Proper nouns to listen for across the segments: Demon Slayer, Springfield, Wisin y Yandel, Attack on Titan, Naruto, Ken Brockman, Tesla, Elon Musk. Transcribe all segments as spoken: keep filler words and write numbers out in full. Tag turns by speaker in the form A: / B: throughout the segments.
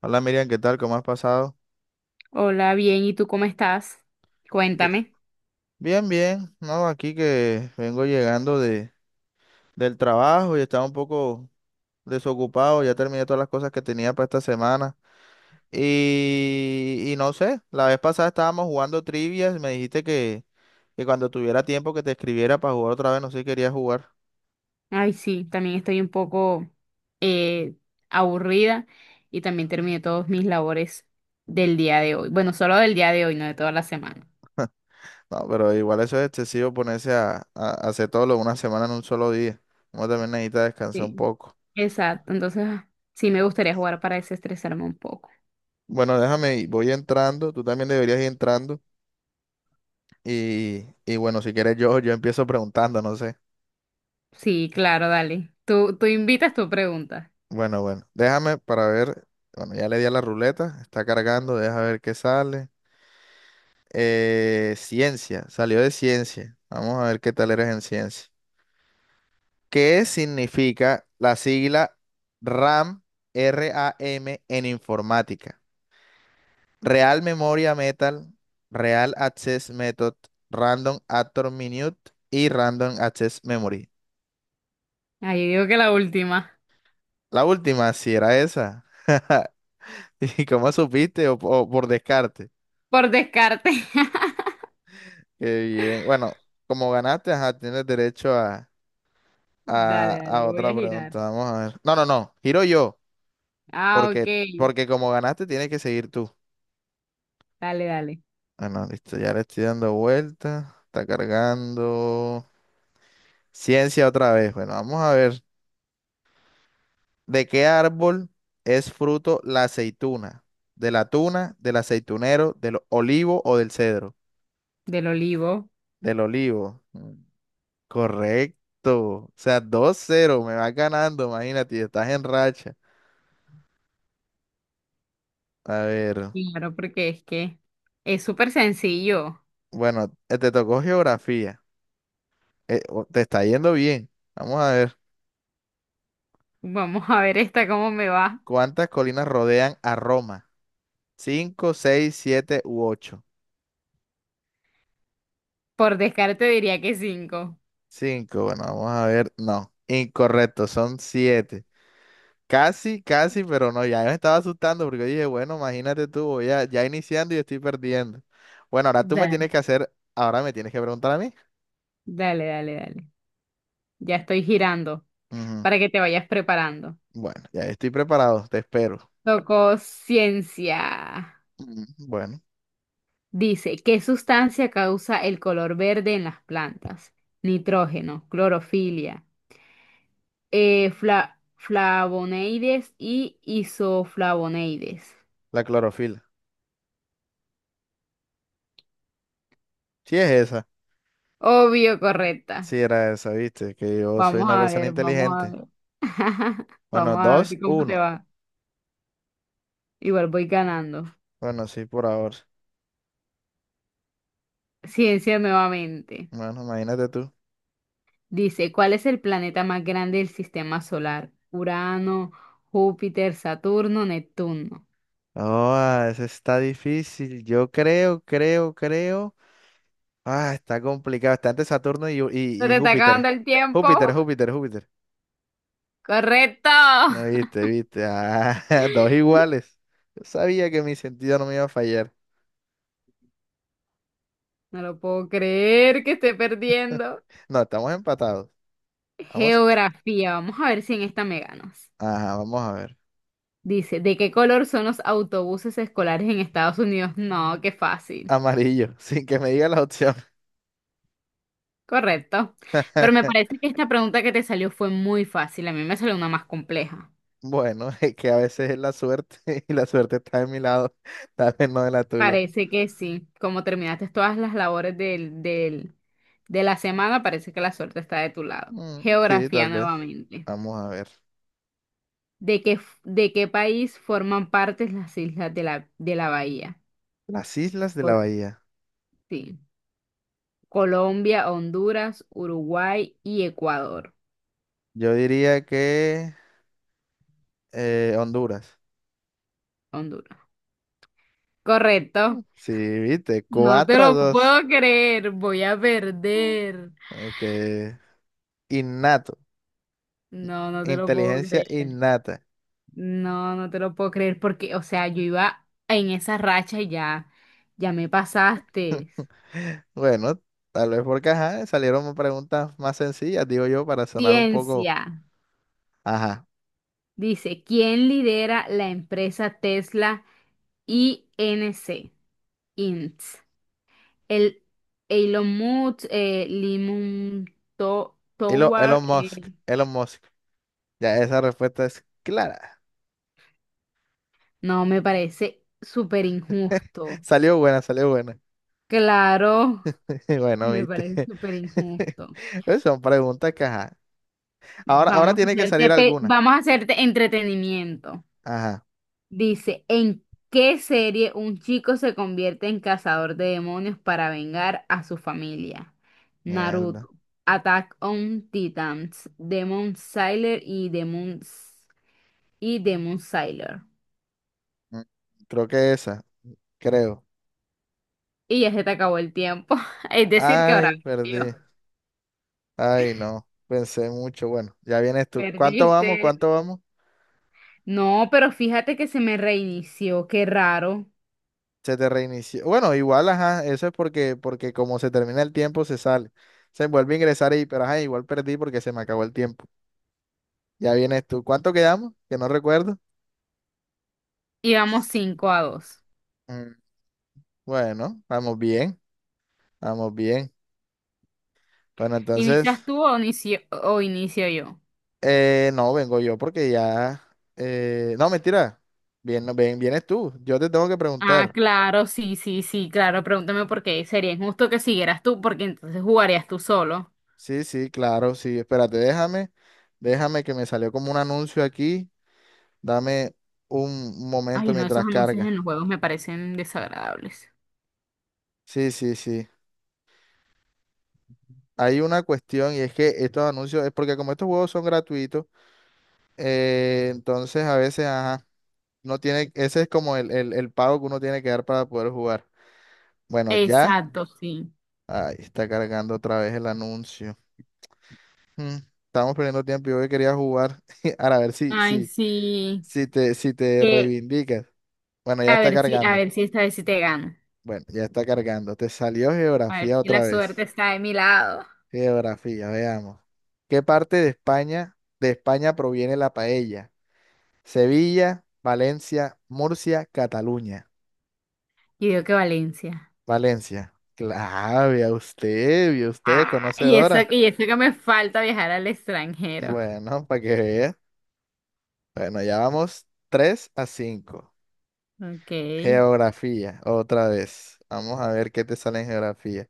A: Hola Miriam, ¿qué tal? ¿Cómo has pasado?
B: Hola, bien, ¿y tú cómo estás?
A: Bien,
B: Cuéntame.
A: bien, bien. No, aquí que vengo llegando de, del trabajo y estaba un poco desocupado. Ya terminé todas las cosas que tenía para esta semana. Y, y no sé, la vez pasada estábamos jugando trivias. Me dijiste que, que cuando tuviera tiempo que te escribiera para jugar otra vez. No sé si querías jugar.
B: Ay, sí, también estoy un poco eh, aburrida y también terminé todos mis labores del día de hoy. Bueno, solo del día de hoy, no de toda la semana.
A: No, pero igual eso es excesivo ponerse a, a hacer todo lo de una semana en un solo día. Uno también necesita descansar un
B: Sí.
A: poco.
B: Exacto, entonces ah, sí me gustaría jugar para desestresarme un poco.
A: Bueno, déjame, ir, voy entrando. Tú también deberías ir entrando. Y, y bueno, si quieres yo, yo empiezo preguntando, no sé.
B: Sí, claro, dale. Tú, tú invitas tu pregunta.
A: Bueno, bueno, déjame para ver. Bueno, ya le di a la ruleta, está cargando, deja ver qué sale. Eh, ciencia, salió de ciencia. Vamos a ver qué tal eres en ciencia. ¿Qué significa la sigla RAM, RAM en informática? Real Memoria Metal, Real Access Method, Random Actor Minute y Random Access Memory.
B: Ay, yo digo que la última,
A: La última, si era esa. ¿Y cómo supiste? O, o por descarte.
B: por descarte.
A: Qué bien. Bueno, como ganaste, ajá, tienes derecho a, a,
B: Dale, dale,
A: a
B: voy a
A: otra
B: girar.
A: pregunta. Vamos a ver. No, no, no. Giro yo.
B: Ah,
A: Porque,
B: ok.
A: porque como ganaste, tienes que seguir tú.
B: Dale, dale.
A: Bueno, listo. Ya le estoy dando vuelta. Está cargando. Ciencia otra vez. Bueno, vamos a ver. ¿De qué árbol es fruto la aceituna? ¿De la tuna, del aceitunero, del olivo o del cedro?
B: Del olivo.
A: Del olivo. Mm. Correcto. O sea, dos cero me vas ganando, imagínate, y estás en racha. A ver,
B: Claro, porque es que es súper sencillo.
A: bueno, eh, te tocó geografía. Eh, o- te está yendo bien. Vamos a ver.
B: Vamos a ver esta cómo me va.
A: ¿Cuántas colinas rodean a Roma? Cinco, seis, siete u ocho.
B: Por descarte diría que cinco.
A: Cinco, bueno, vamos a ver. No, incorrecto, son siete. Casi, casi, pero no, ya me estaba asustando porque dije, bueno, imagínate tú, voy a- ya iniciando y estoy perdiendo. Bueno, ahora tú me
B: Dale,
A: tienes que hacer, ahora me tienes que preguntar a mí.
B: dale, dale, dale. Ya estoy girando
A: Ujú.
B: para que te vayas preparando.
A: Bueno, ya estoy preparado, te espero.
B: Tocó ciencia.
A: Mm, bueno,
B: Dice, ¿qué sustancia causa el color verde en las plantas? Nitrógeno, clorofilia, eh, fla- flavonoides y isoflavonoides.
A: la clorofila. Sí es esa.
B: Obvio, correcta.
A: Sí era esa, viste, que yo soy
B: Vamos
A: una
B: a
A: persona
B: ver, vamos a
A: inteligente.
B: ver.
A: Bueno,
B: Vamos a ver
A: dos,
B: cómo te
A: uno.
B: va. Igual voy ganando.
A: Bueno, sí, por ahora.
B: Ciencia nuevamente.
A: Bueno, imagínate tú.
B: Dice, ¿cuál es el planeta más grande del sistema solar? Urano, Júpiter, Saturno, Neptuno.
A: Oh, ese está difícil. Yo creo, creo, creo. Ah, está complicado. Está entre Saturno y, Ju- y,
B: Se
A: y
B: te está
A: Júpiter.
B: acabando el tiempo.
A: Júpiter, Júpiter, Júpiter.
B: Correcto.
A: Ah, viste, viste. Ah, dos iguales. Yo sabía que mi sentido no me iba a fallar.
B: No lo puedo creer que esté perdiendo.
A: No, estamos empatados. Vamos,
B: Geografía. Vamos a ver si en esta me ganas.
A: ajá, vamos a ver.
B: Dice, ¿de qué color son los autobuses escolares en Estados Unidos? No, qué fácil.
A: Amarillo, sin que me diga la opción.
B: Correcto. Pero me parece que esta pregunta que te salió fue muy fácil. A mí me salió una más compleja.
A: Bueno, es que a veces es la suerte y la suerte está de mi lado, tal vez no de la tuya.
B: Parece que sí. Como terminaste todas las labores del, del- de la semana, parece que la suerte está de tu lado.
A: Mm, sí, tal
B: Geografía
A: vez.
B: nuevamente.
A: Vamos a ver.
B: ¿De qué, f- de qué país forman parte las islas de la, de la bahía?
A: Las islas de la
B: Col-
A: bahía.
B: sí. Colombia, Honduras, Uruguay y Ecuador.
A: Yo diría que eh, Honduras.
B: Honduras.
A: Mm,
B: Correcto.
A: sí, viste,
B: No te
A: cuatro a
B: lo
A: 2.
B: puedo creer. Voy a perder.
A: Que innato,
B: No, no te lo puedo
A: inteligencia
B: creer.
A: innata.
B: No, no te lo puedo creer porque, o sea, yo iba en esa racha y ya, ya me pasaste.
A: Bueno, tal vez porque ajá, salieron preguntas más sencillas, digo yo, para sonar un poco,
B: Ciencia.
A: ajá.
B: Dice, ¿quién lidera la empresa Tesla I N C. inc? El Elon Musk, eh, Limon Mun- To-
A: Elo,
B: Towar,
A: Elon Musk,
B: eh,
A: Elon Musk. Ya, esa respuesta es clara.
B: no, me parece súper injusto.
A: Salió buena, salió buena.
B: Claro,
A: Bueno,
B: me parece
A: viste.
B: súper injusto.
A: Pues son preguntas que, ajá. Ahora, ahora
B: Vamos a
A: tiene que
B: hacerte,
A: salir
B: pe-
A: alguna.
B: vamos a hacerte entretenimiento.
A: Ajá.
B: Dice, ¿en qué serie un chico se convierte en cazador de demonios para vengar a su familia?
A: Mierda.
B: Naruto, Attack on Titans, Demon Slayer y Demon, S- y Demon Slayer.
A: Mm, Creo que esa, creo.
B: Y ya se te acabó el tiempo. Es decir, que
A: Ay,
B: ahora yo
A: perdí. Ay, no. Pensé mucho. Bueno, ya vienes tú. ¿Cuánto
B: perdiste.
A: vamos? ¿Cuánto vamos?
B: No, pero fíjate que se me reinició. Qué raro.
A: Se te reinició. Bueno, igual, ajá. Eso es porque, porque como se termina el tiempo, se sale. Se vuelve a ingresar ahí, pero ajá, igual perdí porque se me acabó el tiempo. Ya vienes tú. ¿Cuánto quedamos? Que no recuerdo.
B: Íbamos cinco a dos.
A: Mm, bueno, vamos bien, vamos bien. Bueno, entonces,
B: ¿Inicias tú o inicio, o inicio yo?
A: eh, no, vengo yo porque ya... eh, No, mentira. Bien, no, ven, vienes tú. Yo te tengo que
B: Ah,
A: preguntar.
B: claro, sí, sí, sí, claro. Pregúntame por qué. Sería injusto que siguieras tú, porque entonces jugarías tú solo.
A: Sí, sí, claro, sí. Espérate, déjame, déjame que me salió como un anuncio aquí. Dame un momento
B: Ay, no, esos
A: mientras
B: anuncios
A: carga.
B: en los juegos me parecen desagradables.
A: Sí, sí, sí. Hay una cuestión y es que estos anuncios, es porque como estos juegos son gratuitos, eh, entonces a veces, ajá. No tiene, ese es como el, el, el pago que uno tiene que dar para poder jugar. Bueno, ya.
B: Exacto, sí.
A: Ahí está cargando otra vez el anuncio. Mm, Estamos perdiendo tiempo. Yo que quería jugar. Ahora, a ver si,
B: Ay,
A: si,
B: sí.
A: si te, si te
B: Que,
A: reivindicas. Bueno, ya
B: a
A: está
B: ver si, a
A: cargando.
B: ver si esta vez sí te gano.
A: Bueno, ya está cargando. Te salió
B: A
A: geografía
B: ver si la
A: otra
B: suerte
A: vez.
B: está de mi lado.
A: Geografía, veamos. ¿Qué parte de España, de España proviene la paella? Sevilla, Valencia, Murcia, Cataluña.
B: Y digo que Valencia.
A: Valencia. Claro, vea usted, vea usted,
B: Ah, y eso,
A: conocedora.
B: y eso que me falta viajar al extranjero.
A: Bueno, para que vea. Bueno, ya vamos tres a cinco.
B: Ok.
A: Geografía, otra vez. Vamos a ver qué te sale en geografía.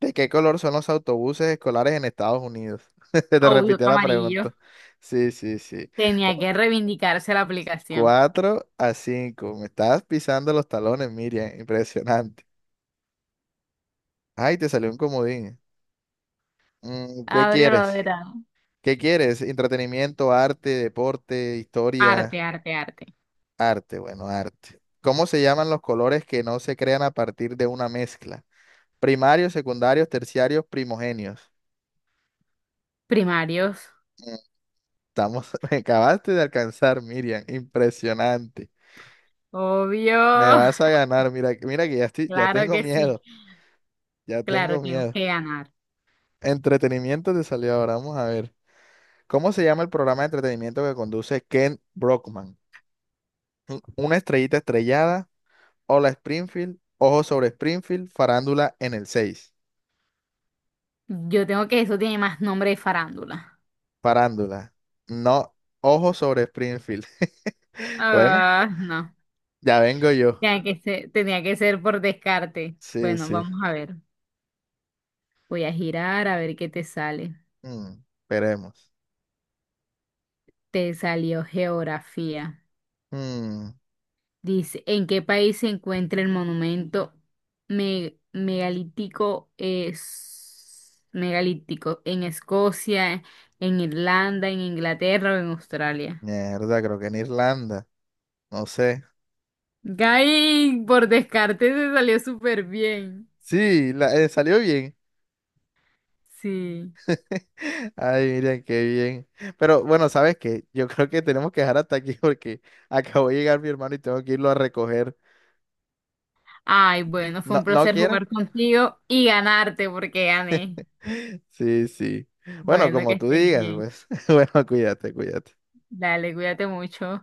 A: ¿De qué color son los autobuses escolares en Estados Unidos? Te
B: Audio
A: repitió la
B: Camarillo.
A: pregunta. Sí, sí, sí.
B: Tenía
A: Cu-
B: que reivindicarse la aplicación.
A: Cuatro a cinco. Me estás pisando los talones, Miriam. Impresionante. Ay, te salió un comodín. Mm, ¿Qué
B: Abre lo
A: quieres?
B: verano.
A: ¿Qué quieres? Entretenimiento, arte, deporte, historia,
B: Arte, arte, arte.
A: arte, bueno, arte. ¿Cómo se llaman los colores que no se crean a partir de una mezcla? Primarios, secundarios, terciarios, primogenios.
B: Primarios.
A: Mm, Estamos, me acabaste de alcanzar, Miriam. Impresionante. Me
B: Obvio.
A: vas a ganar. Mira, que- mira que ya estoy, ya
B: Claro
A: tengo
B: que sí.
A: miedo. Ya tengo
B: Claro, tengo
A: miedo.
B: que ganar.
A: Entretenimiento te salió ahora. Vamos a ver. ¿Cómo se llama el programa de entretenimiento que conduce Ken Brockman? Un- ¿Una estrellita estrellada? Hola Springfield, Ojo sobre Springfield, Farándula en el seis.
B: Yo tengo que eso tiene más nombre de farándula.
A: Farándula. No, Ojo sobre Springfield. Bueno,
B: Ah, no.
A: ya vengo yo.
B: Tenía que ser, tenía que ser por descarte.
A: Sí,
B: Bueno,
A: sí.
B: vamos a ver. Voy a girar a ver qué te sale.
A: Mm, esperemos.
B: Te salió geografía.
A: Mm,
B: Dice, ¿en qué país se encuentra el monumento me- megalítico, es, megalítico? ¿En Escocia, en Irlanda, en Inglaterra o en Australia?
A: Mierda, creo que en Irlanda. No sé.
B: Gay, por descarte se salió súper bien.
A: Sí, la- eh, salió bien.
B: Sí.
A: Ay, miren, qué bien. Pero bueno, ¿sabes qué? Yo creo que tenemos que dejar hasta aquí porque acabo de llegar mi hermano y tengo que irlo a recoger.
B: Ay, bueno, fue
A: No,
B: un
A: no
B: placer
A: quiero.
B: jugar contigo y ganarte porque gané.
A: Sí, sí. Bueno,
B: Bueno, que
A: como tú
B: estés
A: digas,
B: bien.
A: pues. Bueno, cuídate, cuídate.
B: Dale, cuídate mucho.